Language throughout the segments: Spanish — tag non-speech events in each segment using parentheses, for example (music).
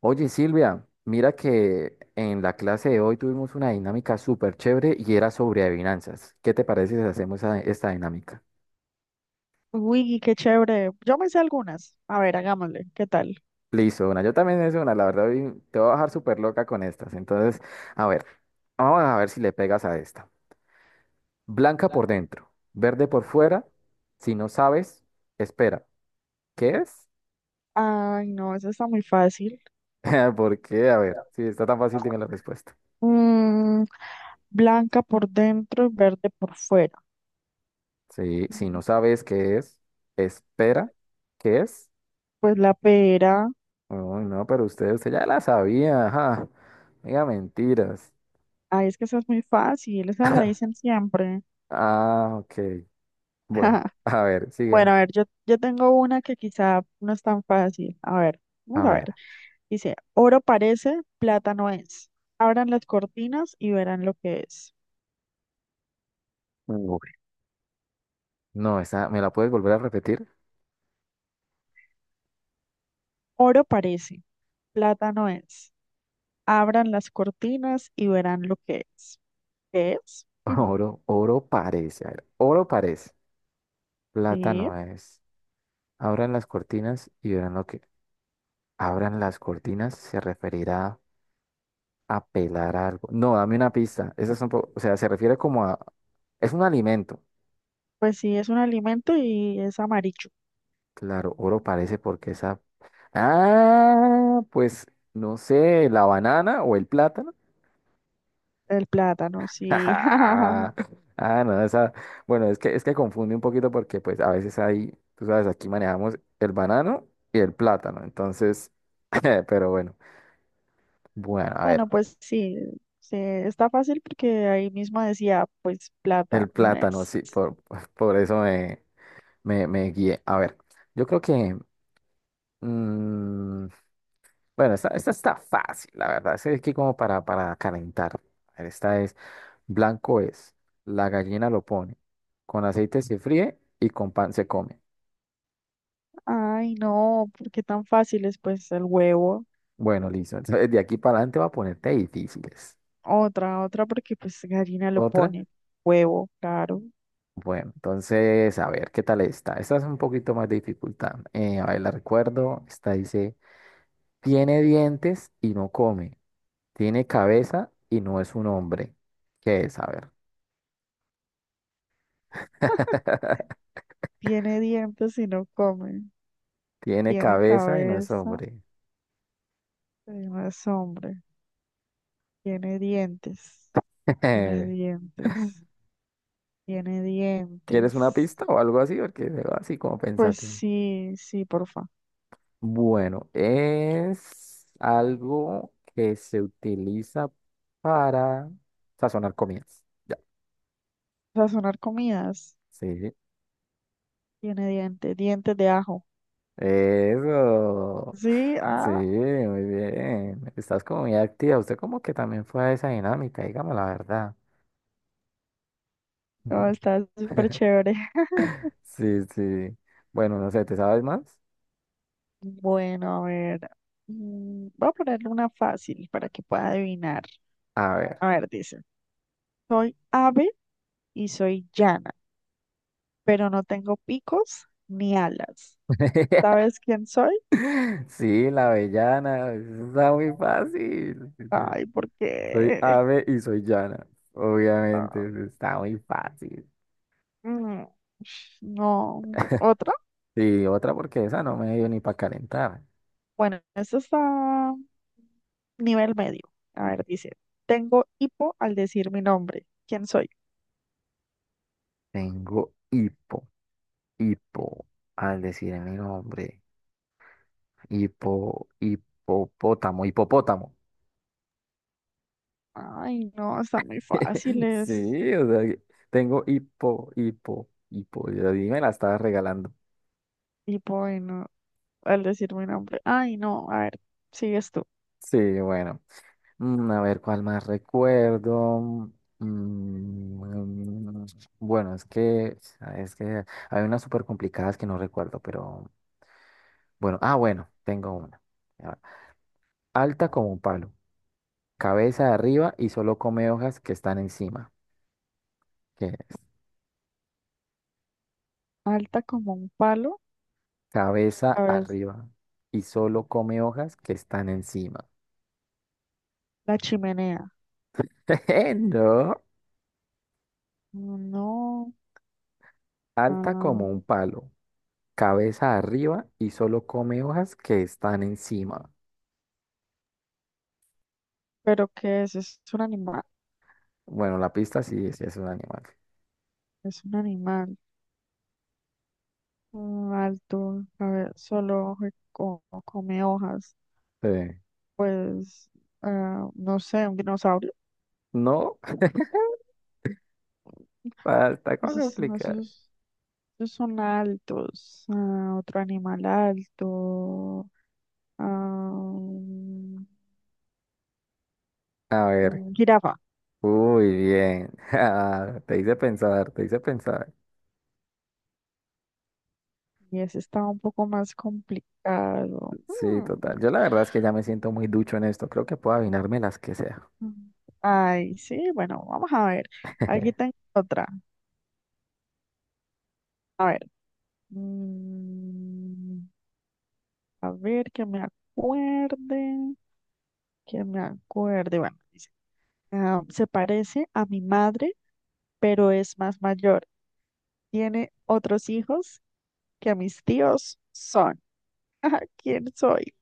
Oye, Silvia, mira que en la clase de hoy tuvimos una dinámica súper chévere y era sobre adivinanzas. ¿Qué te parece si hacemos esta dinámica? Uy, qué chévere. Yo me sé algunas. A ver, hagámosle. ¿Qué tal? Listo, una. Yo también es una, la verdad, hoy te voy a dejar súper loca con estas. Entonces, a ver, vamos a ver si le pegas a esta. Blanca por dentro, verde por fuera. Si no sabes, espera. ¿Qué es? Ay, no, esa está muy fácil. (laughs) ¿Por qué? A ver, si está tan fácil, dime la respuesta. Mm, Blanca por dentro y verde por fuera. Sí, si Mm, no sabes qué es, espera. ¿Qué es? Pues la pera. Uy, no, pero usted ya la sabía, ajá. No diga mentiras. Ay, es que esa es muy fácil. Esa la dicen siempre. Ah, ok. Bueno, (laughs) (laughs) a ver, Bueno, sigue. a ver, yo tengo una que quizá no es tan fácil. A ver, A vamos a ver. ver. Dice, oro parece, plata no es. Abran las cortinas y verán lo que es. Uy, no, esa, ¿me la puedes volver a repetir? Oro parece, plata no es. Abran las cortinas y verán lo que es. ¿Qué es? (laughs) (laughs) Oro parece. A ver, oro parece. Plata Sí, no es. Abran las cortinas y verán lo que. Abran las cortinas se referirá a pelar algo. No, dame una pista. Esa es un poco, o sea, se refiere como a. Es un alimento. pues sí, es un alimento y es amarillo. Claro, oro parece porque esa... Ah, pues no sé, la banana o el plátano. El plátano, (laughs) sí. (laughs) Ah, no, esa... Bueno, es que confunde un poquito porque pues a veces ahí, tú sabes, aquí manejamos el banano y el plátano. Entonces, (laughs) pero bueno, bueno, a Bueno, ver, pues sí, sí, está fácil porque ahí mismo decía, pues plata el no plátano, es. sí, por, (laughs) por eso me guié. A ver, yo creo que... mm, bueno, esta está fácil, la verdad. Es que como para calentar. A ver, esta es, blanco es, la gallina lo pone, con aceite se fríe y con pan se come. Ay, no, ¿por qué tan fácil? Es pues el huevo. Bueno, listo. Entonces, de aquí para adelante va a ponerte difíciles. Otra, otra porque pues gallina lo Otra. pone. Huevo, claro. Bueno, entonces, a ver, ¿qué tal esta? Esta es un poquito más de dificultad. A ver, la recuerdo. Esta dice, tiene dientes y no come, tiene cabeza y no es un hombre. ¿Qué es? A ver. (laughs) (laughs) Tiene dientes y no come. Tiene Tiene cabeza y no es cabeza, hombre. pero no es hombre. Tiene dientes, tiene Eh, dientes, Tiene ¿Quieres una dientes. pista o algo así? Porque veo así como Pues pensaste. sí, sí, porfa. Bueno, es algo que se utiliza para sazonar comidas. Ya, Sazonar comidas. sí. Tiene dientes, dientes de ajo. Eso. Sí, Sí, ah, muy bien. Estás como muy activa. Usted como que también fue a esa dinámica, dígame la verdad. no, (laughs) está súper chévere. (laughs) Sí, sí. Bueno, no sé, ¿te sabes más? Bueno, a ver. Voy a ponerle una fácil para que pueda adivinar. A ver. A ver, dice. Soy ave y soy llana, pero no tengo picos ni alas. (laughs) ¿Sabes quién soy? Sí, la avellana. Eso está muy fácil. Ay, ¿por Soy qué? ave y soy llana. Obviamente, eso (laughs) está muy fácil. Mm, no, otra. Y otra porque esa no me dio ni para calentar. Bueno, esto está nivel medio. A ver, dice, tengo hipo al decir mi nombre. ¿Quién soy? Tengo hipo, hipo, al decir mi nombre. Hipo, hipopótamo, hipopótamo. Ay, no, están muy (laughs) fáciles. Sí, o sea, que tengo hipo, hipo, hipo. Ya dime la estaba regalando. Hipo, bueno, al decir mi nombre. Ay, no, a ver, sigues tú. Sí, bueno. A ver, ¿cuál más recuerdo? Mm, bueno, es que hay unas súper complicadas que no recuerdo, pero bueno, ah, bueno, tengo una. A ver, alta como un palo, cabeza arriba y solo come hojas que están encima. ¿Qué es? Alta como un palo, a Cabeza ver, arriba y solo come hojas que están encima. la chimenea. (laughs) No, No, alta como ah, un palo, cabeza arriba y solo come hojas que están encima. pero ¿qué es? Bueno, la pista sí, sí es un animal. Es un animal. Alto, a ver, come hojas. Sí. Pues, no sé, un dinosaurio. No, (laughs) falta Pues es- complicar. esos, Esos son altos. Otro animal alto. ah, un- A ver, un jirafa. uy, bien. (laughs) Ah, te hice pensar, te hice pensar. Y ese está un poco más complicado. Sí, total. Yo la verdad es que ya me siento muy ducho en esto. Creo que puedo adivinarme las que sea. mm. Ay, sí, bueno, vamos a ver. Aquí tengo (laughs) otra. A ver. mm, a ver, que me acuerde. Que me acuerde. Bueno, dice, se parece a mi madre pero es más mayor. Tiene otros hijos que a mis tíos son. (laughs) Ajá, ¿quién soy?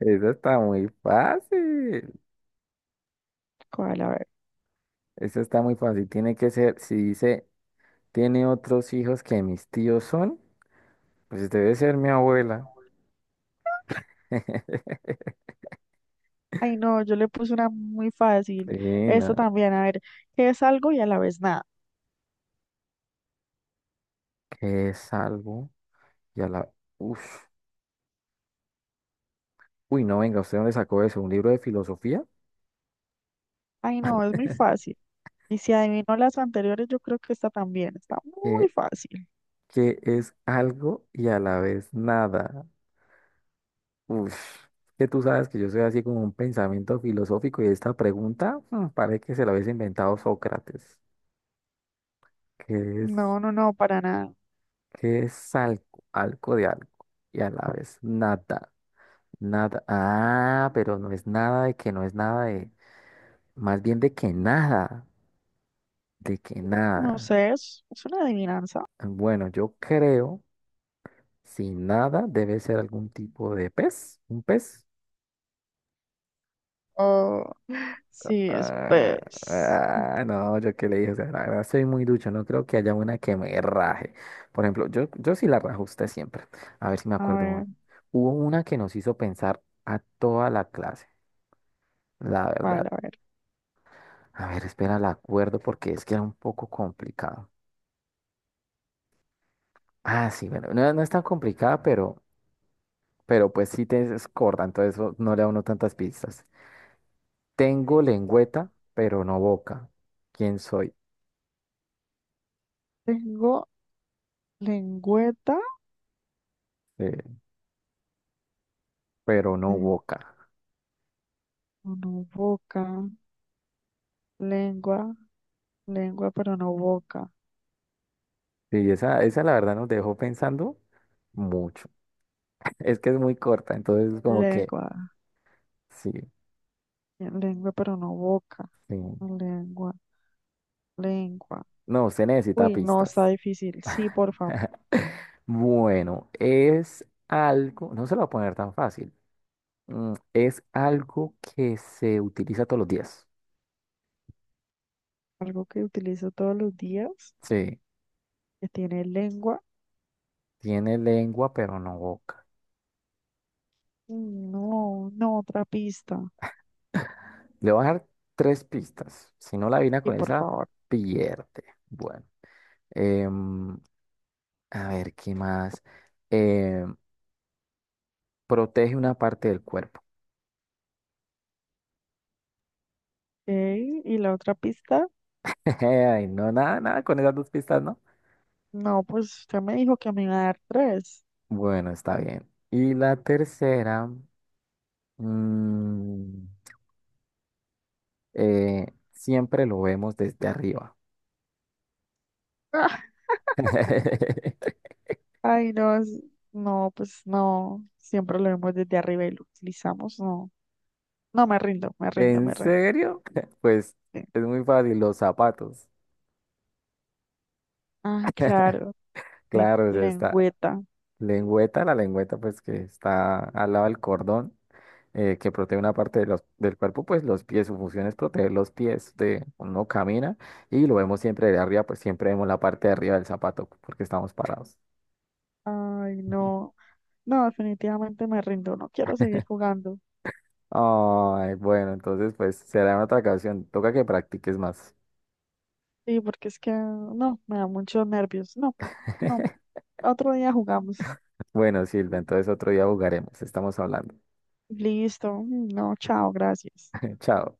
Eso está muy fácil. ¿Cuál? A ver. Eso está muy fácil. Tiene que ser, si dice, tiene otros hijos que mis tíos son, pues debe ser mi abuela. (laughs) Ay, no, yo le puse una muy fácil. Sí, Esta no, también, a ver, ¿qué es algo y a la vez nada? que es algo y a la... Uf. Uy, no, venga, ¿usted dónde sacó eso? ¿Un libro de filosofía? Ay, no, es muy fácil. Y si adivinó las anteriores, yo creo que esta también está muy Que, fácil. que es algo y a la vez nada. Uf, que tú sabes que yo soy así como un pensamiento filosófico y esta pregunta parece que se la hubiese inventado Sócrates. ¿Qué es, No, no, no, para nada. ¿qué es algo? Algo de algo y a la vez nada. Nada. Ah, pero no es nada de que no es nada de. Más bien de que nada. De que No nada. sé, es una adivinanza. Bueno, yo creo. Si nada, debe ser algún tipo de pez, un pez. Oh, sí, es Ah, pez. ah, no, yo qué le dije, o sea, la verdad soy muy ducho, no creo que haya una que me raje. Por ejemplo, yo sí la rajo a usted siempre. A ver si me A acuerdo ver, una. Hubo una que nos hizo pensar a toda la clase, la ¿cuál? verdad. A ver. A ver, espera, la acuerdo porque es que era un poco complicado. Ah, sí, bueno, no, no es tan complicada, pero pues sí te es corta, entonces eso no le da a uno tantas pistas. Tengo lengüeta, pero no boca. ¿Quién soy? Tengo lengüeta. Eh, pero no boca. No boca, lengua, lengua pero no boca, Y esa la verdad nos dejó pensando mucho. (laughs) Es que es muy corta, entonces como que lengua, sí, lengua pero no boca, sí. lengua, lengua. No, usted necesita Uy, no, está pistas. difícil. Sí, por favor, (laughs) Bueno, es algo, no se lo voy a poner tan fácil. Es algo que se utiliza todos los días. algo que utilizo todos los días, Sí, que tiene lengua. tiene lengua, pero no boca. No, no, otra pista. Le voy a dar tres pistas. Si no la vina Sí, con por esa, favor. pierde. Bueno. Em, a ver, ¿qué más? Em, protege una parte del cuerpo. Ok, ¿y la otra pista? (laughs) Ay, no, nada, nada con esas dos pistas, ¿no? No, pues usted me dijo que me iba a dar tres. Bueno, está bien. Y la tercera, mm, siempre lo vemos desde arriba. (laughs) Ah, (laughs) Ay, no, pues no, siempre lo vemos desde arriba y lo utilizamos, no. No, me rindo, me rindo, ¿En me rindo. serio? (laughs) Pues Sí. es muy fácil, los zapatos. Ah, claro, mi Claro, o sea, está lengüeta. lengüeta, la lengüeta pues que está al lado del cordón. Que protege una parte de del cuerpo, pues los pies, su función es proteger los pies de uno camina y lo vemos siempre de arriba, pues siempre vemos la parte de arriba del zapato porque estamos parados. Ay, (laughs) no. No, definitivamente me rindo. No quiero seguir jugando. Ay, bueno, entonces pues será en otra ocasión, toca que practiques más. Sí, porque es que no, me da muchos nervios. No, no. (laughs) Otro día jugamos. Bueno, Silvia, entonces otro día jugaremos, estamos hablando. Listo. No, chao, gracias. (laughs) Chao.